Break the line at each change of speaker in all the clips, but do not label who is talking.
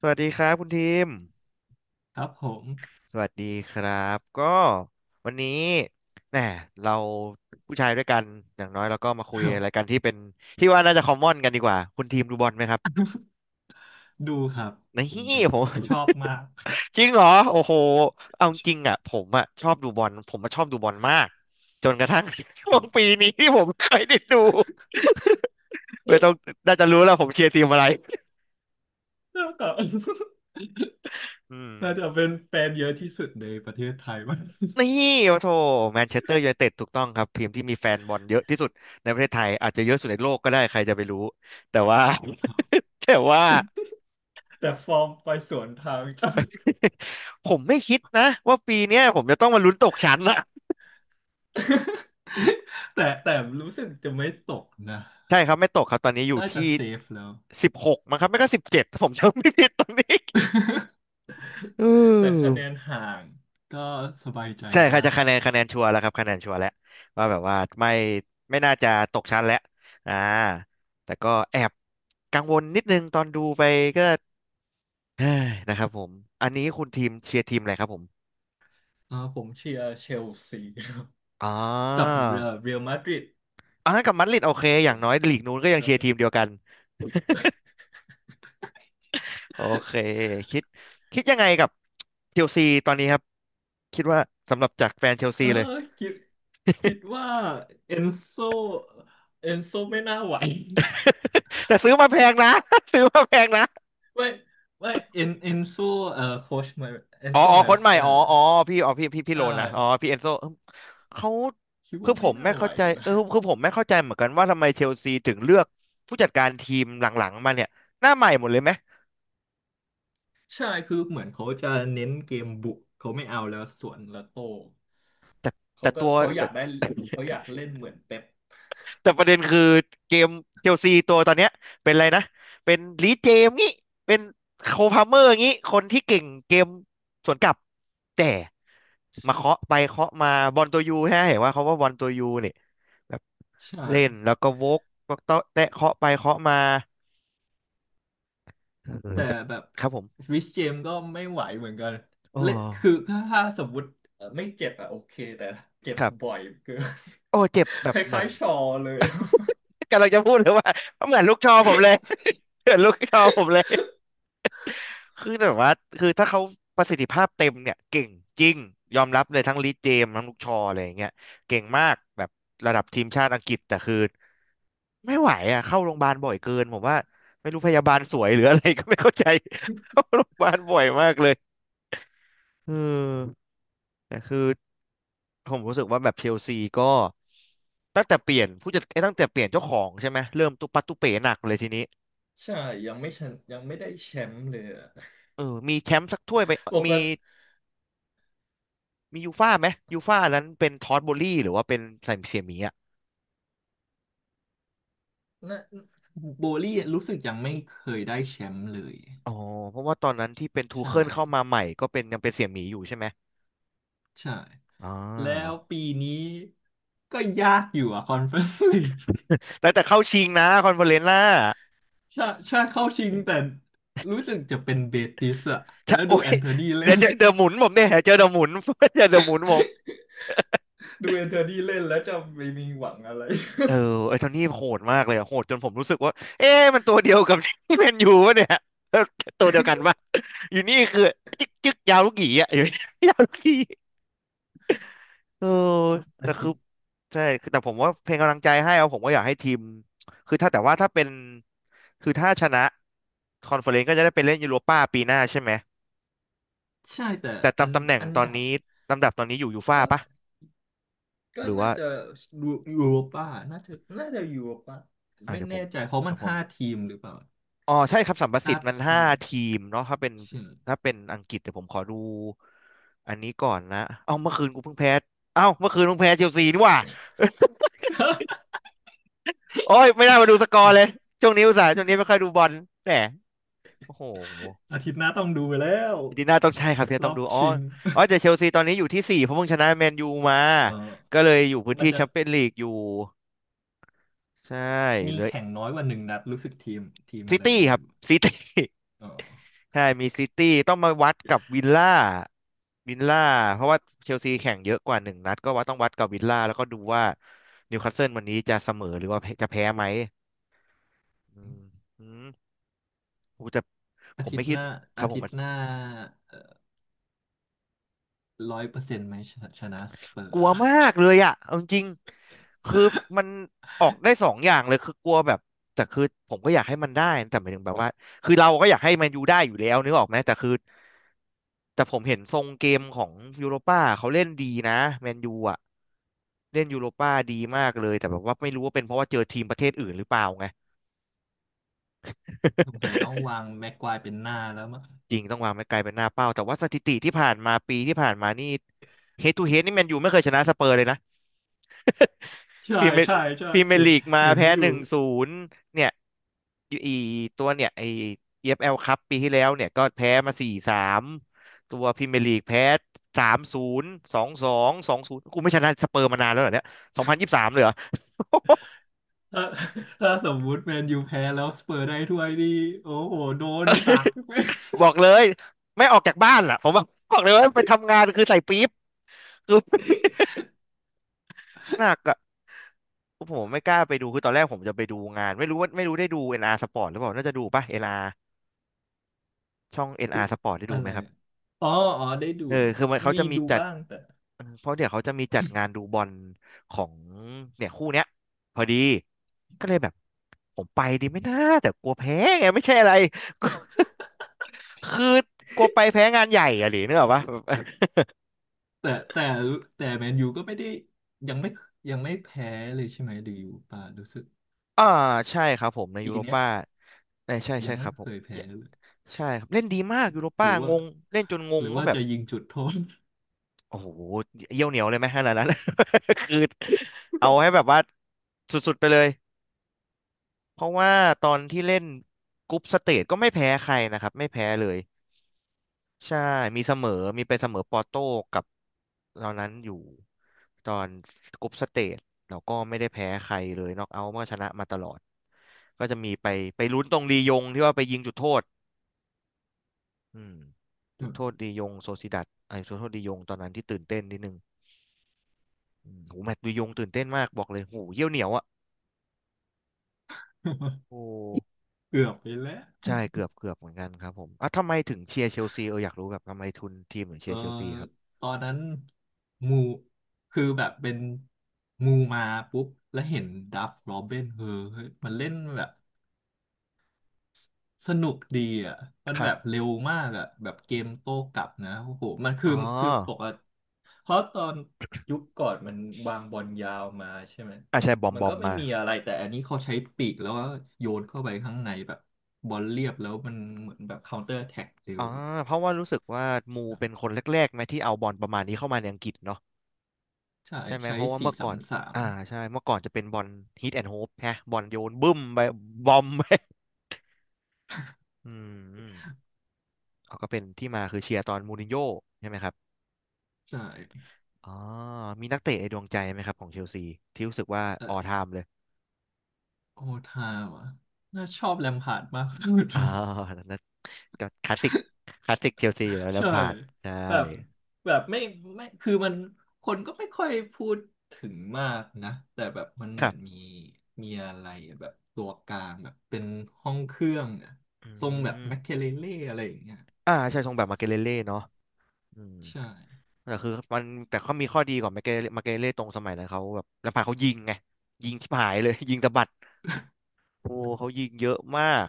สวัสดีครับคุณทีม
ครับผม
สวัสดีครับก็วันนี้แหมเราผู้ชายด้วยกันอย่างน้อยเราก็มาคุ
ค
ย
รับ
อะไรกันที่เป็นที่ว่าน่าจะคอมมอนกันดีกว่าคุณทีมดูบอลไหมครับ
ดูครับ
นี่
ผมดู
ผม
ชอบมากค
จริงเหรอโอ้โหเอาจริงอ่ะผมอ่ะชอบดูบอลผมมาชอบดูบอลมากจนกระทั่ง ช่ว
รั
ง
บ
ปีนี้ที่ผมเคยได้ดูไม่ต้อง น่าจะรู้แล้วผมเชียร์ทีมอะไร
แล้วก็
อื
น่าจะ
ม
เป็นแฟนเยอะที่สุดในประเทศไทย มั้ง
นี่โอ้โถแมนเชสเตอร์ยูไนเต็ดถูกต้องครับทีมที่มีแฟนบอลเยอะที่สุดในประเทศไทยอาจจะเยอะสุดในโลกก็ได้ใครจะไปรู้แต่ว่า
ครับ
แต่ว่า
แต่ฟอร์มไปสวนทางจัง
ผมไม่คิดนะว่าปีเนี้ยผมจะต้องมาลุ้นตกชั้นนะ
แต่รู้สึกจะไม่ตกนะ
ใช่ครับไม่ตกครับตอนนี้อยู่
น่าจะ
ที่
เซฟแล้ว
สิบหกมั้งครับไม่ก็สิบเจ็ดผมจำไม่ผิดตอนนี้เอ
แต่คะแนน
อ
ห่างก็สบายใจ
ใช่ครับ
ได้
จะคะแนนชัวร์แล้วครับคะแนนชัวร์แล้วว่าแบบว่าไม่น่าจะตกชั้นแล้วอ่าแต่ก็แอบกังวลนิดนึงตอนดูไปก็ เฮ้ยนะครับผมอันนี้คุณทีมเชียร์ทีมอะไรครับผม
อ่าผมเชียร์เชลซี ครับ
อ๋อ
กับเรอัลมาดริด
อ่ากับมัดริดโอเคอย่างน้อยลีกนู้นก็ยังเชียร์ทีมเดียวกันโอเคคิดคิดยังไงกับเชลซีตอนนี้ครับคิดว่าสำหรับจากแฟนเชล
เอ
ซี
อ
เลย
คิด คิดว่าเอนโซเอนโซไม่น่าไหว
แต่ซื้อมาแพงนะ ซื้อมาแพงนะ
ไม่ไม่เอนเอนโซโค้ชมาเอน
อ๋อ
โซ
อ๋อ
มา
คน
ส
ใหม่
กา
อ๋ออ๋อพี่อ๋อพี่โล
ใช่
นนะอ๋อพี่เอนโซเอิ่มเขา
คิด
คื
ว่า
อผ
ไม่
ม
น่า
ไม่
ไหว
เข้าใจ
นะ
คือผมไม่เข้าใจเหมือนกันว่าทำไมเชลซีถึงเลือกผู้จัดการทีมหลังๆมาเนี่ยหน้าใหม่หมดเลยไหม
ใช่คือเหมือนเขาจะเน้นเกมบุกเขาไม่เอาแล้วสวนแล้วโต้
แต่แต่ตัว
เขาอ
แต่
ยากได้เขาอยากเล่นเหมือนเป๊ป
แต่ประเด็นคือเกมเชลซีตัวตอนเนี้ยเป็นอะไรนะเป็นลีดเจมส์งี้เป็นโคลพาเมอร์งี้คนที่เก่งเกมสวนกลับแต่มาเคาะไปเคาะมาบอลตัวยูฮะเห็นว่าเขาว่าบอลตัวยูเนี่ยแบบ
ใช่
เล่นแล้วก็วกวกเตะแตะเคาะไปเคาะมาเออ
แต่
จะ
แบบ
ครับผม
ริสเจมก็ไม่ไหวเหมือนกัน
โอ้
เล่นคือถ้าสมมติไม่เจ็บอะโอเคแต่เจ็บ
ครับ
บ่อยเกิน
โอ้เจ็บแบ
ค
บเหมือ
ล้า
น
ยๆชอเลย
กำลังจะพูดเลยว่าเหมือนลูกชอผมเลย เหมือนลูกชอผมเลย คือแบบว่าคือถ้าเขาประสิทธิภาพเต็มเนี่ยเก่งจริงยอมรับเลยทั้งลีเจมส์ทั้งลูกชออะไรอย่างเงี้ยเก่งมากแบบระดับทีมชาติอังกฤษแต่คือไม่ไหวอ่ะเข้าโรงพยาบาลบ่อยเกินผมว่าไม่รู้พยาบาลสวยหรืออะไรก็ไม่เข้าใจ เข้าโรงพยาบาลบ่อยมากเลยเออแต่คือผมรู้สึกว่าแบบเชลซีก็ตั้งแต่เปลี่ยนผู้จัดไอ้ยตั้งแต่เปลี่ยนเจ้าของใช่ไหมเริ่มตุปัดตุเป๋หนักเลยทีนี้
ใช่ยังไม่ชนะยังไม่ได้แชมป์เลยอะ
เออมีแชมป์สักถ้วยไป
ปก
มี
ติ
มียูฟ่าไหมยูฟ่านั้นเป็นทอตโบลี่หรือว่าเป็นใส่เสี่ยหมีอ่ะ
นะโบลี่รู้สึกยังไม่เคยได้แชมป์เลย
อ๋อเพราะว่าตอนนั้นที่เป็นทู
ใช่
เคิลเข้ามาใหม่ก็เป็นยังเป็นเสี่ยหมีอยู่ใช่ไหม
ใช่
อ๋อ
แล้วปีนี้ก็ยากอยู่อะคอนเฟอเรนซ์ลีก
แต่เข้าชิงนะคอนเฟอเรนซ์น่ะ
ใช่ใช่เข้าชิงแต่รู้สึกจะเป็นเบติสอะ
ถ้า
แล้ว
โอ้
ดู
ย
แอนโทนีเล่
เดี๋ยว
น
เจอเดอะหมุนผมเนี่ยเจอเดอะหมุน เจอเดอะหมุนผม
ดูแอนโทนีเล่นแล้วจะไม่มีหวังอะไร
เออไอ้โทนี่โหดมากเลยอะโหดจนผมรู้สึกว่าเอ๊ะมันตัวเดียวกับที่แมนยูวะเนี่ย ตัวเดียวกันปะอยู่นี่คือจึ๊กจึ๊กยาวลูกหยีอะอยู่ ยาวลูกหยี เออ
อา
แต่
ทิ
คือ
ตย์
ใช่คือแต่ผมว่าเพลงกำลังใจให้เอาผมก็อยากให้ทีมคือถ้าแต่ว่าถ้าเป็นคือถ้าชนะคอนเฟอเรนซ์ก็จะได้ไปเล่นยูโรป้าปีหน้าใช่ไหม
ใช่แต่
แต่
อัน
ตำตำแหน่ง
อัน
ตอน
ดับ
นี้ลำดับตอนนี้อยู่ยูฟ่า
ก็
ปะ
ก็
หรือ
น่า
ว่า
จะยูยูโรป้าน่าจะน่าจะยูโรป้า
อ่า
ไม่
เดี๋ยวผ
แน่
ม
ใจเพราะมั
เดี๋ย
น
วผม
ห้าทีมหรือเปล่า
อ๋อใช่ครับสัมประสิ
ห้า
ทธิ์มันห้า
ทีม
ทีมเนาะถ้าเป็น
ใช่
ถ้าเป็นอังกฤษเดี๋ยวผมขอดูอันนี้ก่อนนะเอ้าเมื่อคืนกูเพิ่งแพ้เอ้าเมื่อคืนเพิ่งแพ้เชลซีนี่หว่า โอ้ยไม่ได้มาดูสกอร์เลย ช่วงนี้อุตส่าห์ช่วงนี้ไม่ค่อยดูบอลแหม โอ้โห
อาทิตย์หน้าต้องดูไปแล้ว
อาร์เจนติน่าต้องใช่ครับที่
ร
ต้
อ
อง
บ
ดูอ๋อ
ชิง
อ๋อแต่เชลซีตอนนี้อยู่ที่สี่เพราะเพิ่งชนะแมนยูมา
เออ
ก็เลยอยู่พื้น
มัน
ที่
จะ
แชมเปี้ยนลีกอยู่ใช่
มี
เหลย
แข่งน้อยกว่าหนึ่งนัดรู้สึกทีม
ซิ
อะไร
ตี้
ไม่
ครับ
รู้
ซิตี้
ออ
ใช่มีซิตี้ต้องมาวัดกับวิลล่าวิลล่าเพราะว่าเชลซีแข่งเยอะกว่าหนึ่งนัดก็ว่าต้องวัดกับวิลล่าแล้วก็ดูว่านิวคาสเซิลวันนี้จะเสมอหรือว่าจะแพ้ไหมอืม
อ
อืมโอ้แต่ผ
อา
ม
ทิต
ไม่
ย์
คิ
ห
ด
น้า
ครั
อา
บผ
ทิ
ม
ตย์หน้าร้อยเปอร์เซ็นต์ไหมชนะสเปอ
ก
ร์
ลัว
อะ
มากเลยอ่ะเอาจริงๆคือมันออกได้สองอย่างเลยคือกลัวแบบแต่คือผมก็อยากให้มันได้แต่หมายถึงแบบว่าคือเราก็อยากให้แมนยูได้อยู่แล้วนึกออกไหมแต่คือแต่ผมเห็นทรงเกมของยูโรป้าเขาเล่นดีนะแมนยูอ่ะเล่นยูโรป้าดีมากเลยแต่แบบว่าไม่รู้ว่าเป็นเพราะว่าเจอทีมประเทศอื่นหรือเปล่าไง
สงสัยต้องวางแม็กควายเป็นหน้าแล้วมั้ง
จริงต้องวางไม่ไกลเป็นหน้าเป้าแต่ว่าสถิติที่ผ่านมาปีที่ผ่านมานี่เฮดทูเฮดนี่แมนยูไม่เคยชนะสเปอร์เลยนะ พ
ใช่
รีเมียร์
ใช่ใช่
พรีเมียร์
เห็น
ลีกมา
เห็น
แพ้
อ
ห
ยู่
นึ่งศูนย์เนี่ยอีตัวเนี่ยไอ EFL ครับปีที่แล้วเนี่ยก็แพ้มาสี่สามตัวพรีเมียร์ลีกแพ้3-02-22-0กูไม่ชนะสเปอร์มานานแล้วเหรอเนี่ย2023เลยเหรอ
ถ้า ถ้าสมมุติแมนยูแพ้แล้วสเปอร์ได้ถ้วยนี่โอ้โหโดนหัก
บอกเลยไม่ออกจากบ้านล่ะผมบอกบอกเลยว่าไปทำงานคือใส่ปี๊บคือหนักอะผมไม่กล้าไปดูคือตอนแรกผมจะไปดูงานไม่รู้ว่าไม่รู้ได้ดู NR Sport หรือเปล่าน่าจะดูป่ะ NR ช่อง
คือ
NR Sport ได้ดู
อะ
ไหม
ไร
ครับ
อะอ๋ออ๋อได้ดู
เออ
นะ
คือมันเขา
มี
จะมี
ดู
จัด
บ้าง
เออเพราะเดี๋ยวเขาจะมีจัดงานดูบอลของเนี่ยคู่เนี้ยพอดีก็เลยแบบผมไปดีไหม่น่าแต่กลัวแพ้ไงไม่ใช่อะไร คือกลัวไปแพ้งานใหญ่อะหรือเนกอะปะ
แต่แต่แต่แมนยูก็ไม่ได้ยังไม่ยังไม่แพ้เลยใช่ไหมดูอยู่ป่ะรู้สึก
อ่าใช่ครับผมใน
ปี
ยูโร
เนี้ย
ป้าใช่ใช่
ยั
ใช่
ง
ค
ไม่
รับผ
เค
ม
ยแพ้เลย
ใช่ครับเล่นดีมากยูโร
ห
ป้า
รือว่า
งงเล่นจนง
ห
ง
รือ
ว่า
ว่า
แบบ
จะยิงจุดโทษ
โอ้โหเยี่ยวเหนียวเลยไหมขนาดนั้น คือเอาให้แบบว่าสุดๆไปเลยเพราะว่าตอนที่เล่นกรุ๊ปสเตจก็ไม่แพ้ใครนะครับไม่แพ้เลย ใช่มีเสมอมีไปเสมอปอร์โต้กับตอนนั้นอยู่ตอนกรุ๊ปสเตจเราก็ไม่ได้แพ้ใครเลยน็อกเอาท์ก็ชนะมาตลอดก็จะมีไปไปลุ้นตรงลียงที่ว่าไปยิงจุดโทษอืมจุดโทษลี ยงโซซิดัดไอ้ยจุดโทษลียงตอนนั้นที่ตื่นเต้นนิดนึงโหแมตช์ลียงตื่นเต้นมากบอกเลยโหเยี่ยวเหนียวอ่ะโอ้
เกือบไปแล้ว
ใช่เกือบเกือบเหมือนกันครับผมอ่ะทำไมถึงเชียร์เชลซีเอออยากรู้แบบทำไมทุนทีมถึง
เอ
เชี
อ
ยร์เชลซีครับ
ตอนนั้นมูคือแบบเป็นมูมาปุ๊บแล้วเห็นดัฟโรบินเออเฮ้ยมันเล่นแบบสนุกดีอ่ะมัน
ค
แบ
รั
บ
บ
เร็วมากอ่ะแบบเกมโต้กลับนะโอ้โหมันคื
อ๋
อ
อ
คือปกติเพราะตอนยุคก่อนมันวางบอลยาวมาใช่ไหม
อ่ะใช่บอม
มั
บ
น
อ
ก็
ม
ไม่
มา
มีอะไรแต่อันนี้เขาใช้ปีกแล้วก็โยนเข้าไปข้างในแบบบอลเรียบแล้วมันเหมือนแบบ c คา n t เตอร์แท็กเร็ว
อ่า
อะ
เพราะว่ารู้สึกว่ามูเป็นคนแรกๆไหมที่เอาบอลประมาณนี้เข้ามาในอังกฤษเนาะ
ใช่
ใช่ไหม
ใช้
เพราะว่า
สี่
เมื่อ
สา
ก่อ
ม
น
สาม
อ่าใช่เมื่อก่อนจะเป็นบอลฮิตแอนด์โฮปฮะบอลโยนบึ้มไปบอมไป อืมอืมเขาก็เป็นที่มาคือเชียร์ตอนมูรินโญ่ใช่ไหมครับ
ใช่
อ๋อมีนักเตะในดวงใจไหมครับของเชลซีที่รู้สึกว่าออ
แต่
ไทม์เลย
โอทาว่ะน่าชอบแลมพาร์ดมากสุด
อ๋อ
นะ
นั่นนะก็คลาสสิกคลาสสิกเชลซีอยู่แล้ว แลม
ใช่
พาร์ดใช่
แบบแบบไม่ไม่คือมันคนก็ไม่ค่อยพูดถึงมากนะแต่แบบมัน
ค
เหมื
รั
อน
บ
มีอะไรอะแบบตัวกลางแบบเป็นห้องเครื่องอะ
อื
ทรงแบบ
ม
แมคเคเลเล่อะไรอย่างเงี้ย
อ่าใช่ทรงแบบมาเกเลเล่เนาะอืม
ใช่
แต่คือมันแต่เขามีข้อดีกว่ามาเกเรมาเกเรตรงสมัยนั้นเขาแบบลำพังเขายิงไงยิงชิบหายเลย ยิงสะบัดโอ้เขายิงเยอะมาก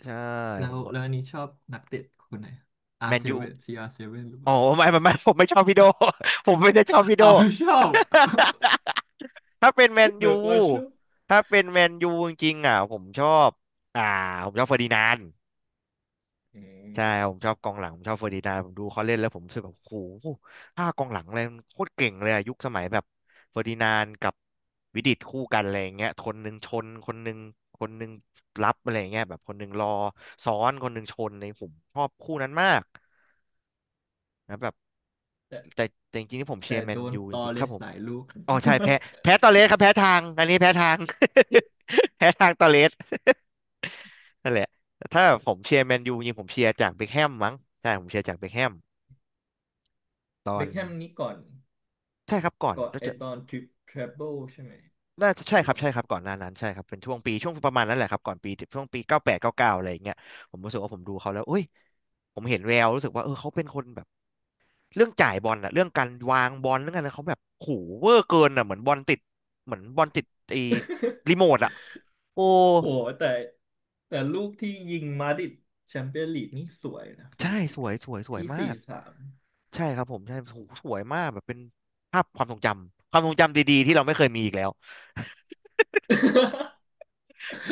ใช่
แล้
ผ
ว
มก็
แล้วอันนี้ชอบนักเตะคนไหน
แมนยู
R7 ว r 7หรือเป
อ๋อ
ล่า
ไม่ไม่ไม่ ผมไม่ชอบพี่โด ผมไม่ได้ชอบพี่โด
อ้าวไม่ชอบ
ถ้าเป็นแมน
เบิ
ยู
กว่าชอบ
ถ้าเป็นแมนยูจริงๆอ่ะผมชอบอ่าผมชอบเฟอร์ดินานด์
อืม
ใช่ผมชอบกองหลังผมชอบเฟอร์ดินานด์ผมดูเขาเล่นแล้วผมรู้สึกแบบโอ้โหห้ากองหลังเลยมันโคตรเก่งเลยอะยุคสมัยแบบเฟอร์ดินานด์กับวิดิตคู่กันอะไรอย่างเงี้ยคนหนึ่งชนคนหนึ่งคนหนึ่งรับอะไรอย่างเงี้ยแบบคนหนึ่งรอซ้อนคนหนึ่งชนในยผมชอบคู่นั้นมากนะแบบแต่แต่จริงๆที่ผมเชีย
แต่
ร์แม
โด
น
น
ยู
ต
จ
อ
ริงๆ
เล
ครับ
ส
ผม
หลายลูก
อ๋อใช่แพ้แพ้ตอเรสครับแพ้ทางอันนี้แพ้ทาง แพ้ทางตอเรสนั่นแหละแต่ถ้าผมเชียร์แมนยูจริงๆผมเชียร์จากเบคแฮมมั้งใช่ผมเชียร์จากเบคแฮม ตอ
เบ็
น
คแฮมนี้ก่อน
ใช่ครับก่อน
ก่อน
น่า
ไอ
จะ
ตอนทริปทรเบิลใช่ไหม
น่าจะใช่
หรื
ค
อ
รับ
ว่า
ใช่ครับก่อนหน้านั้นใช่ครับเป็นช่วงปีช่วงประมาณนั้นแหละครับก่อนปีช่วงปี98-99อะไรอย่างเงี้ยผมรู้สึกว่าผมดูเขาแล้วเอ้ยผมเห็นแววรู้สึกว่าเออเขาเป็นคนแบบเรื่องจ่ายบอลอะเรื่องการวางบอลเรื่องอะไรเขาแบบโหเวอร์เกินอะเหมือนบอลติดเหมือนบอลติดไอ้รีโม ทอะโอ้
โอ้แต่แต่ลูกที่ยิงมาดริดแชมเปี้ยนลีกนี่สวยนะฟรี
ใช่
คิ
ส
ก
วย
อะ
สวยสวย
ที่สี่
มาก
สาม
ใช่ครับผมใช่โหสวยมากแบบเป็นภาพความทรงจำความทรงจำดีๆที่เราไม่เคยมีอีกแล้ว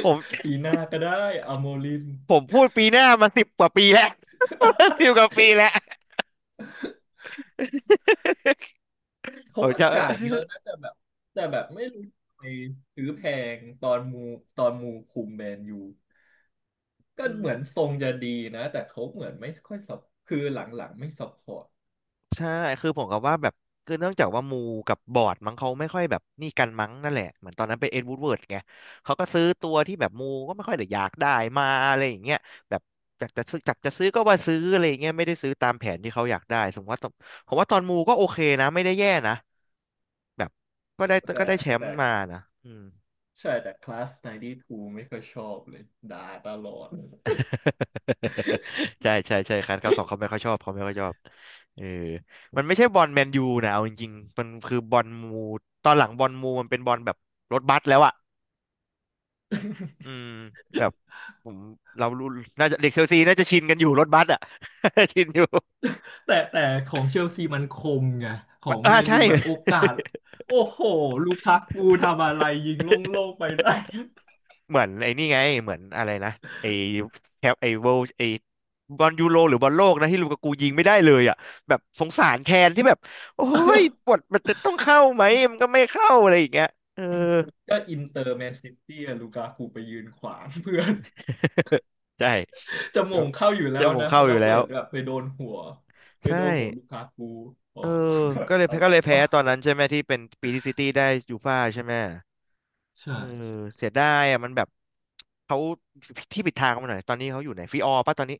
ผม
ปีหน้าก็ได้อาโมลิน
ผม พูดปีหน้ามา10 กว่าปีแล้ว 10 กว่าปีแล้ว ผ
เขา
ม
ก็
จะ
จ่ายเยอะนะแต่แบบแต่แบบไม่รู้ทำไมซื้อแพงตอนมูคุมแมนยู ก็
อื
เห
ม
มือนทรงจะดีนะแต่เขาเหมือนไม่ค่อยสับคือหลังๆไม่ซัพพอร์ต
ใช่คือผมกับว่าแบบคือเนื่องจากว่ามูกับบอร์ดมั้งเขาไม่ค่อยแบบนี่กันมั้งนั่นแหละเหมือนตอนนั้นเป็นเอ็ดวูดเวิร์ดไงเขาก็ซื้อตัวที่แบบมูก็ไม่ค่อยได้อยากได้มาอะไรอย่างเงี้ยแบบจากจะซื้อก็ว่าซื้ออะไรอย่างเงี้ยไม่ได้ซื้อตามแผนที่เขาอยากได้สมมติว่าตอนผมว่าตอนมูก็โอเคนะไม่ได้แย่นะแบบก็ได้ก็
แต่
ได้แชมป์
แต่
มานะอืม
ใช่แต่คลาส92ไม่ค่อยชอบเลยด่าตลอด
ใช่ใช่ใช่คันรับสองเขาไม่ค่อยชอบเขาไม่ค่อยชอบเออมันไม่ใช่บอลแมนยูนะเอาจริงๆมันคือบอลมูตอนหลังบอลมูมันเป็นบอลแบบรถบัสแล้วอ่ะอืมแบบผมเรารู้น่าจะเด็กเชลซีน่าจะชินกันอยู่รถบัสอ่ะ ชินอยู่
แต่ของเชลซีมันคมไงขอ
มัน
ง
อ่า
แมน
ใช่
ยูแบบโอกาสโอ้โหลูคักกูทำอะไรยิงโล ่งๆไปได้
เหมือนไอ้นี่ไงเหมือนอะไรนะไอ้แคปไอ้เวลไอ้บอลยูโรหรือบอลโลกนะที่ลูกากูยิงไม่ได้เลยอ่ะแบบสงสารแคนที่แบบโอ้ยบทมันจะต้องเข้าไหมมันก็ไม่เข้าอะไรอย่างเงี้ยเออ
ก็อินเตอร์แมนซิตี้อะลูกากูไปยืนขวาง เพื่อน
ใช่
จะโมงเข้าอยู่แล้
เจะ
ว
มง
นะ
เข้า
แล้
อ
ว
ยู่แล้
เปิ
ว
ดแบบไปโดนหัวไป
ใช่
โดนหัวลูกากูออ
เอ
ก
อก็เลย
อะไร
ก็เลยแพ้
วะ
ตอนนั้นใช่ไหมที่เป็นปีที่ซิตี้ได้ยูฟ่าใช่ไหม
ใช่
เออเสียดายอ่ะมันแบบเขาที่ผิดทางเขาหน่อยตอนนี้เขาอยู่ไหนฟิออร์ป่ะตอนนี้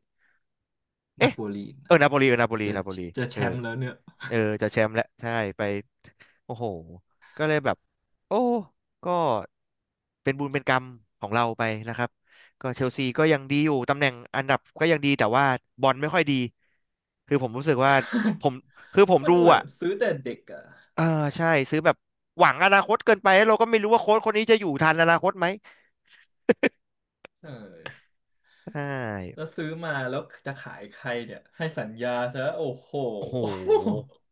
นา
เอ๊ะ
โปลี
เอ
นะ
อนาโปลีเออนาโปลี
จะ
นาโปลี
จะแช
เออ
มป์แล้วเนี่ย
เออจะแชมป์แล้วใช่ไปโอ้โหก็เลยแบบโอ้ก็เป็นบุญเป็นกรรมของเราไปนะครับก็เชลซีก็ยังดีอยู่ตำแหน่งอันดับก็ยังดีแต่ว่าบอลไม่ค่อยดีคือผมรู้สึกว่าผมคือผม
มัน
ดู
เหมือน
อ่ะ
ซื้อแต่เด็กอ่ะ
เออใช่ซื้อแบบหวังอนาคตเกินไปแล้วเราก็ไม่รู้ว่าโค้ชคนนี้จะอยู่ทันอนาคตไหม
เออ
ใช่
แล้วซื้อมาแล้วจะขายใครเนี่ยให้สัญญาซะโอ้โห
โอ้โห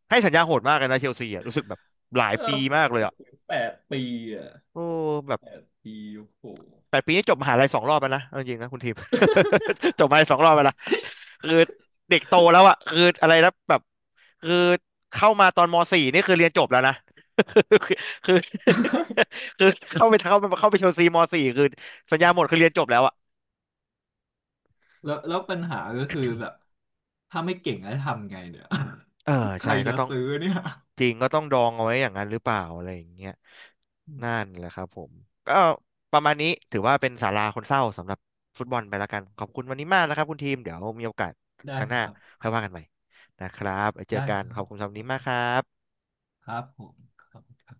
ให้สัญญาโหดมากเลยนะเชลซีอ่ะรู้สึกแบบหลาย
เอ
ปี
อ
มากเลยอ่ะ
แปดปีอ่ะ
โอ้แบบ
แปดปีโอ้โห
8 ปีนี่จบมหาลัยสองรอบแล้วนะเอาจริงๆนะคุณทีม จบมหาลัย2 รอบแล้วนะคือเด็กโตแล้วอะคืออะไรนะแบบคือเข้ามาตอนมสี่นี่คือเรียนจบแล้วนะ คือคือ คือเข้าไปชลซีมสี่คือสัญญาหมดคือเรียนจบแล้วอะ
แล้วปัญหาก็คือแบบถ้าไม่เก่งแล้วทำไงเนี่ย
เออ
ใค
ใช่
ร
ก็
จะ
ต้อง
ซื้อเนี่ย
จริงก็ต้องดองเอาไว้อย่างนั้นหรือเปล่าอะไรอย่างเงี้ยนั่นแหละครับผมก็ประมาณนี้ถือว่าเป็นสาราคนเศร้าสำหรับฟุตบอลไปแล้วกันขอบคุณวันนี้มากนะครับคุณทีมเดี๋ยวมีโอกาสค
ได้
รั้งห
ค
น้า
รับ
ค่อยว่ากันใหม่นะครับไว้เจอ
ได้
กั
ค
นข
รั
อ
บ
บคุณสำหรับวันนี้มากครับ
ครับผมครับ